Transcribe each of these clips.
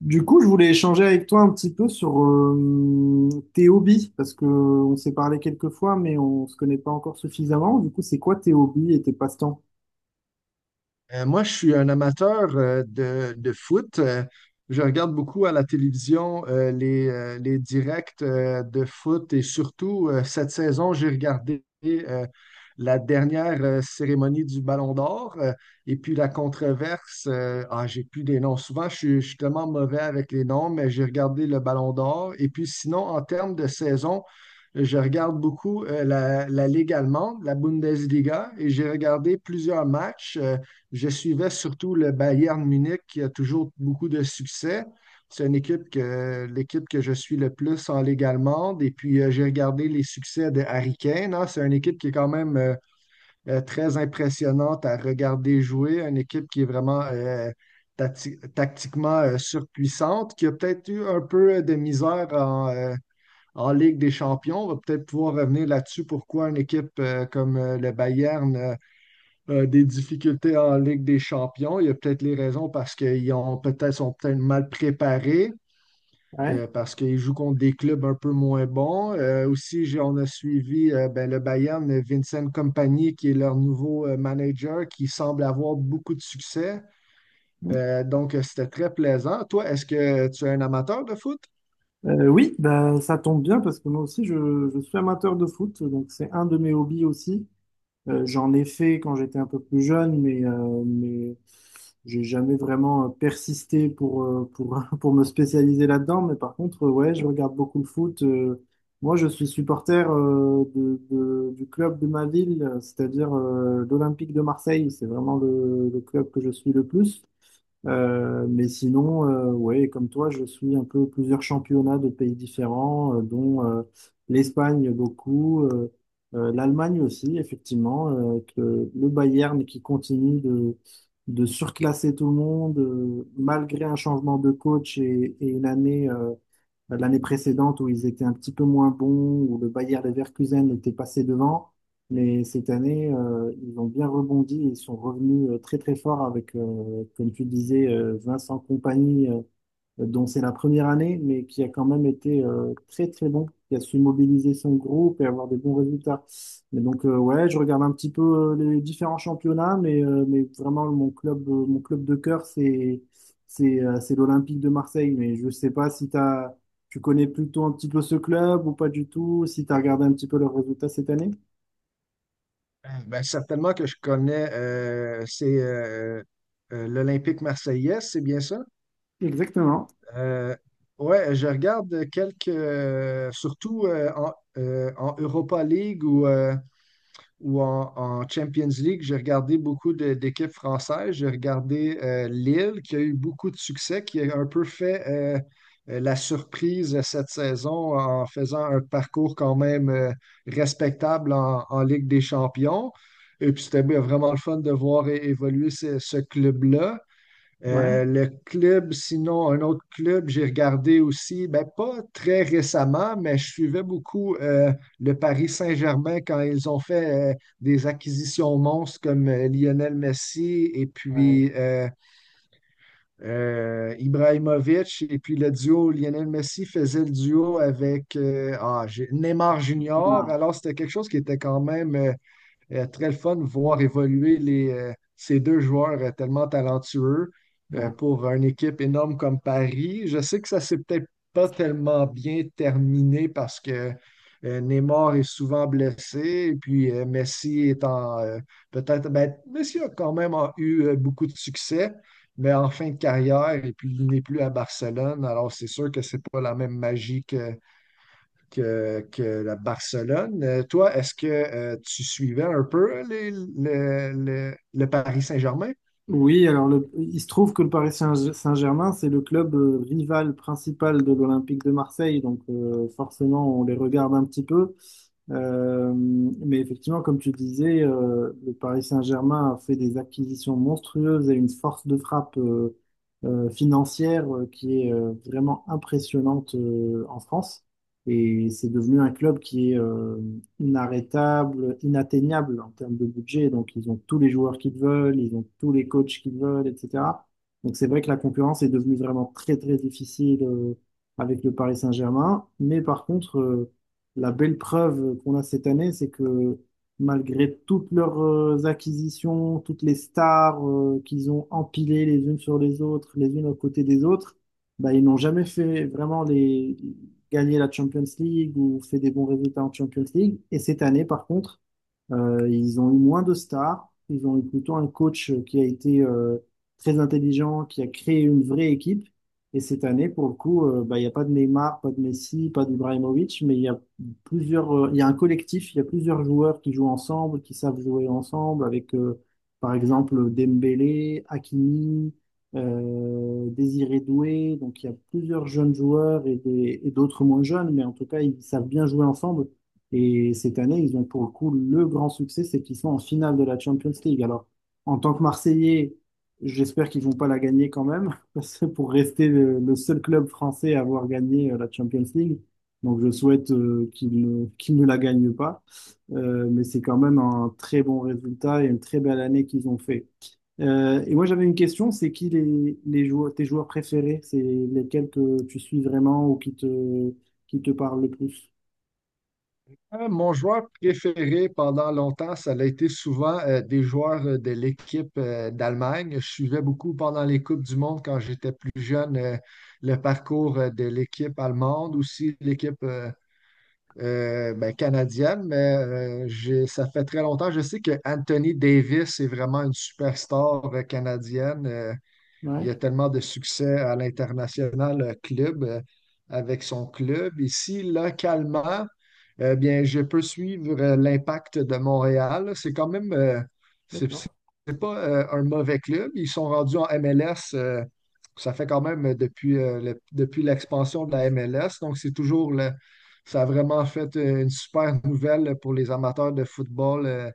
Du coup, je voulais échanger avec toi un petit peu sur tes hobbies, parce que on s'est parlé quelques fois, mais on se connaît pas encore suffisamment. Du coup, c'est quoi tes hobbies et tes passe-temps? Moi, je suis un amateur de foot. Je regarde beaucoup à la télévision les directs de foot et surtout cette saison, j'ai regardé la dernière cérémonie du Ballon d'Or et puis la controverse. Ah, j'ai plus des noms. Souvent, je suis tellement mauvais avec les noms, mais j'ai regardé le Ballon d'Or. Et puis sinon, en termes de saison, je regarde beaucoup la Ligue allemande, la Bundesliga, et j'ai regardé plusieurs matchs. Je suivais surtout le Bayern Munich qui a toujours beaucoup de succès. C'est une équipe que l'équipe que je suis le plus en Ligue allemande. Et puis, j'ai regardé les succès de Harry Kane, hein. C'est une équipe qui est quand même très impressionnante à regarder jouer. Une équipe qui est vraiment tactiquement surpuissante, qui a peut-être eu un peu de misère en Ligue des Champions. On va peut-être pouvoir revenir là-dessus. Pourquoi une équipe comme le Bayern des difficultés en Ligue des champions. Il y a peut-être les raisons parce qu'ils ont peut-être sont peut-être mal préparés, Ouais. parce qu'ils jouent contre des clubs un peu moins bons. Aussi, on a suivi ben, le Bayern, Vincent Kompany, qui est leur nouveau manager, qui semble avoir beaucoup de succès. C'était très plaisant. Toi, est-ce que tu es un amateur de foot? Oui, bah, ça tombe bien parce que moi aussi, je suis amateur de foot, donc c'est un de mes hobbies aussi. J'en ai fait quand j'étais un peu plus jeune, mais j'ai jamais vraiment persisté pour, pour me spécialiser là-dedans. Mais par contre, ouais, je regarde beaucoup le foot. Moi, je suis supporter du club de ma ville, c'est-à-dire l'Olympique de Marseille. C'est vraiment le club que je suis le plus. Mais sinon, ouais, comme toi, je suis un peu plusieurs championnats de pays différents, dont l'Espagne beaucoup, l'Allemagne aussi, effectivement, avec le Bayern qui continue de de surclasser tout le monde, malgré un changement de coach et une année, l'année précédente où ils étaient un petit peu moins bons, où le Bayer Leverkusen était passé devant. Mais cette année, ils ont bien rebondi, ils sont revenus très très forts avec, comme tu disais, Vincent Compagnie dont c'est la première année, mais qui a quand même été très très bon, qui a su mobiliser son groupe et avoir des bons résultats. Mais donc ouais, je regarde un petit peu les différents championnats, mais vraiment mon club de cœur, c'est c'est l'Olympique de Marseille. Mais je sais pas si tu connais plutôt un petit peu ce club ou pas du tout, si tu as regardé un petit peu leurs résultats cette année. Ben, certainement que je connais, c'est l'Olympique marseillaise, c'est bien ça? Exactement. Euh, ouais, je regarde quelques, surtout en Europa League ou en Champions League, j'ai regardé d'équipes françaises. J'ai regardé Lille, qui a eu beaucoup de succès, qui a un peu fait la surprise cette saison en faisant un parcours quand même respectable en Ligue des Champions. Et puis c'était bien, vraiment le fun de voir évoluer ce club-là. Ouais. Le club, sinon, un autre club, j'ai regardé aussi, ben, pas très récemment, mais je suivais beaucoup le Paris Saint-Germain quand ils ont fait des acquisitions monstres comme Lionel Messi et Ouais. puis euh, euh, Ibrahimovic. Et puis le duo, Lionel Messi faisait le duo avec Neymar Junior. Alors, c'était quelque chose qui était quand même très le fun de voir évoluer ces deux joueurs tellement talentueux Ouais. pour une équipe énorme comme Paris. Je sais que ça s'est peut-être pas tellement bien terminé parce que Neymar est souvent blessé et puis Messi est en peut-être ben, Messi a quand même en eu beaucoup de succès, mais en fin de carrière et puis il n'est plus à Barcelone. Alors c'est sûr que c'est pas la même magie que que la Barcelone. Toi, est-ce que tu suivais un peu le Paris Saint-Germain? Oui, alors le- il se trouve que le Paris Saint- Saint-Germain, c'est le club rival principal de l'Olympique de Marseille, donc forcément on les regarde un petit peu. Mais effectivement, comme tu disais, le Paris Saint-Germain a fait des acquisitions monstrueuses et une force de frappe financière qui est vraiment impressionnante en France. Et c'est devenu un club qui est inarrêtable, inatteignable en termes de budget. Donc, ils ont tous les joueurs qu'ils veulent, ils ont tous les coachs qu'ils veulent, etc. Donc, c'est vrai que la concurrence est devenue vraiment très, très difficile avec le Paris Saint-Germain. Mais par contre, la belle preuve qu'on a cette année, c'est que malgré toutes leurs acquisitions, toutes les stars qu'ils ont empilées les unes sur les autres, les unes à côté des autres, bah, ils n'ont jamais fait vraiment les gagner la Champions League ou fait des bons résultats en Champions League. Et cette année, par contre, ils ont eu moins de stars. Ils ont eu plutôt un coach qui a été très intelligent, qui a créé une vraie équipe. Et cette année, pour le coup, bah, il n'y a pas de Neymar, pas de Messi, pas d'Ibrahimovic, mais il y a il y a un collectif, il y a plusieurs joueurs qui jouent ensemble, qui savent jouer ensemble, avec par exemple Dembélé, Hakimi, Désiré Doué. Donc il y a plusieurs jeunes joueurs et des- et d'autres moins jeunes, mais en tout cas, ils savent bien jouer ensemble. Et cette année, ils ont pour le coup le grand succès, c'est qu'ils sont en finale de la Champions League. Alors, en tant que Marseillais, j'espère qu'ils vont pas la gagner quand même, parce que pour rester le seul club français à avoir gagné la Champions League. Donc, je souhaite qu'ils ne la gagnent pas. Mais c'est quand même un très bon résultat et une très belle année qu'ils ont fait. Et moi, j'avais une question, c'est qui les joueurs, tes joueurs préférés? C'est lesquels que tu suis vraiment ou qui qui te parlent le plus? Mon joueur préféré pendant longtemps, ça a été souvent des joueurs de l'équipe d'Allemagne. Je suivais beaucoup pendant les Coupes du Monde quand j'étais plus jeune le parcours de l'équipe allemande, aussi l'équipe ben, canadienne. Mais ça fait très longtemps. Je sais que Anthony Davis est vraiment une superstar canadienne. Ouais, Il a tellement de succès à l'international club avec son club. Ici, localement, eh bien, je peux suivre l'impact de Montréal. C'est quand même, c'est c'est- d'accord. pas un mauvais club. Ils sont rendus en MLS. Ça fait quand même depuis, depuis l'expansion de la MLS. Donc, ça a vraiment fait une super nouvelle pour les amateurs de football. euh,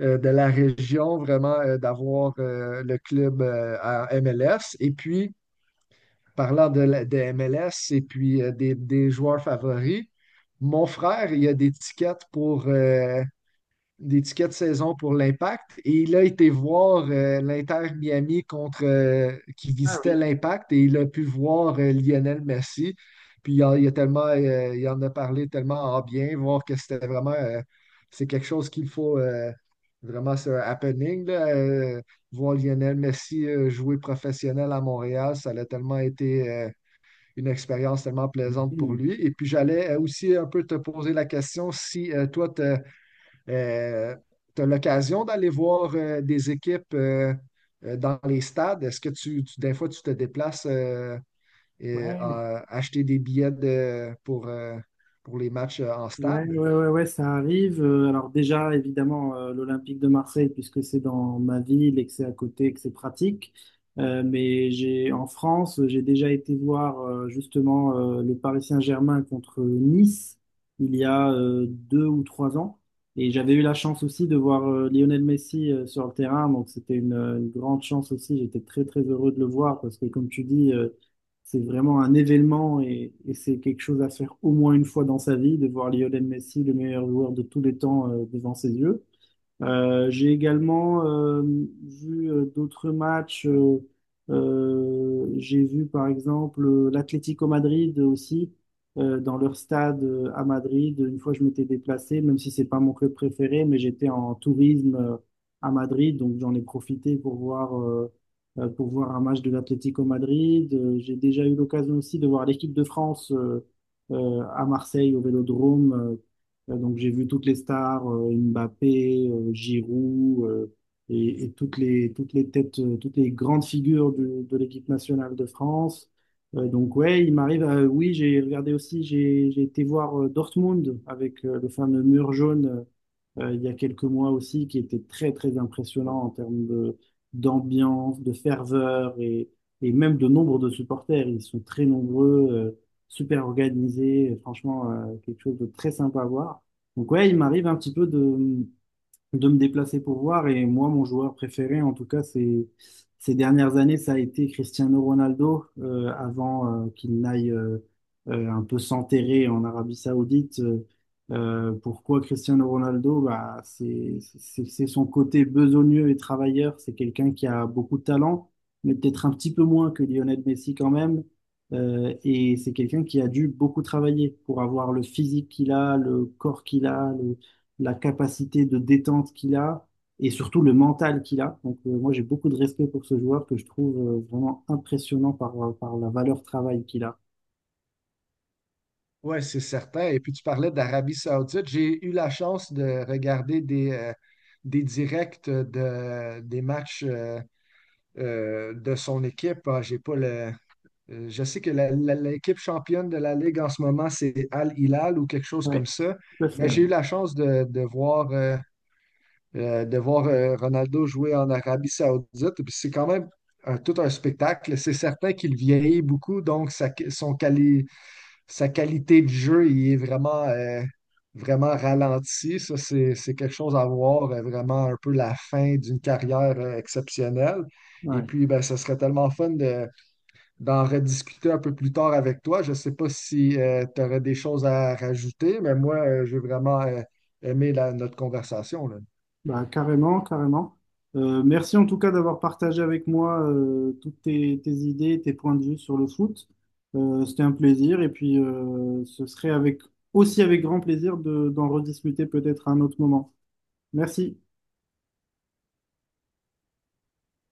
euh, De la région, vraiment d'avoir le club à MLS. Et puis, parlant de MLS et puis des joueurs favoris, mon frère, il a des tickets pour d'étiquette saison pour l'Impact. Et il a été voir l'Inter Miami contre qui Ah visitait oui. l'Impact et il a pu voir Lionel Messi. Il a tellement, il en a parlé tellement en bien, voir que c'était vraiment c'est quelque chose qu'il faut vraiment, c'est un happening là, voir Lionel Messi jouer professionnel à Montréal, ça a tellement été une expérience tellement J'ai plaisante pour dit, lui. Et puis j'allais aussi un peu te poser la question si toi, tu euh, tu as l'occasion d'aller voir des équipes dans les stades. Est-ce que des fois, tu te déplaces et, Ouais, acheter pour les matchs en ouais, ouais, stade? ouais, ouais, ça arrive. Alors déjà, évidemment, l'Olympique de Marseille, puisque c'est dans ma ville et que c'est à côté et que c'est pratique. Mais j'ai en France, j'ai déjà été voir justement le Paris Saint-Germain contre Nice il y a deux ou trois ans. Et j'avais eu la chance aussi de voir Lionel Messi sur le terrain. Donc c'était une grande chance aussi. J'étais très très heureux de le voir parce que comme tu dis, c'est vraiment un événement et c'est quelque chose à faire au moins une fois dans sa vie, de voir Lionel Messi, le meilleur joueur de tous les temps, devant ses yeux. J'ai également vu d'autres matchs. J'ai vu par exemple l'Atlético Madrid aussi dans leur stade à Madrid. Une fois, je m'étais déplacé, même si c'est pas mon club préféré, mais j'étais en tourisme à Madrid, donc j'en ai profité pour voir un match de l'Atlético Madrid. J'ai déjà eu l'occasion aussi de voir l'équipe de France à Marseille au Vélodrome. Donc j'ai vu toutes les stars, Mbappé, Giroud, et toutes toutes les têtes, toutes les grandes figures du- de l'équipe nationale de France. Donc ouais, il m'arrive, à- oui, j'ai regardé aussi, j'ai été voir Dortmund avec le fameux mur jaune il y a quelques mois aussi, qui était très, très impressionnant en termes d'ambiance, de ferveur et même de nombre de supporters. Ils sont très nombreux, super organisés, et franchement, quelque chose de très sympa à voir. Donc ouais, il m'arrive un petit peu de me déplacer pour voir. Et moi, mon joueur préféré, en tout cas, ces dernières années, ça a été Cristiano Ronaldo, avant qu'il n'aille un peu s'enterrer en Arabie Saoudite. Pourquoi Cristiano Ronaldo? Bah, c'est son côté besogneux et travailleur. C'est quelqu'un qui a beaucoup de talent, mais peut-être un petit peu moins que Lionel Messi quand même. Et c'est quelqu'un qui a dû beaucoup travailler pour avoir le physique qu'il a, le corps qu'il a, la capacité de détente qu'il a et surtout le mental qu'il a. Donc, moi, j'ai beaucoup de respect pour ce joueur que je trouve vraiment impressionnant par la valeur travail qu'il a. Oui, c'est certain. Et puis tu parlais d'Arabie Saoudite. J'ai eu la chance de regarder des directs des matchs de son équipe. Ah, j'ai pas le... Je sais que l'équipe championne de la Ligue en ce moment, c'est Al Hilal ou quelque chose Oui, comme ça. tout à fait. Mais j'ai eu la chance de voir Ronaldo jouer en Arabie Saoudite. Puis c'est quand même tout un spectacle. C'est certain qu'il vieillit beaucoup, donc sa qualité de jeu il est vraiment, vraiment ralentie. Ça, c'est quelque chose à voir, vraiment un peu la fin d'une carrière exceptionnelle. Et Ouais. puis, ben, ce serait tellement fun de d'en rediscuter un peu plus tard avec toi. Je ne sais pas si tu aurais des choses à rajouter, mais moi, j'ai vraiment aimé notre conversation, là. Bah, carrément, carrément. Merci en tout cas d'avoir partagé avec moi toutes tes idées, tes points de vue sur le foot. C'était un plaisir et puis ce serait avec, aussi avec grand plaisir d'en rediscuter peut-être à un autre moment. Merci.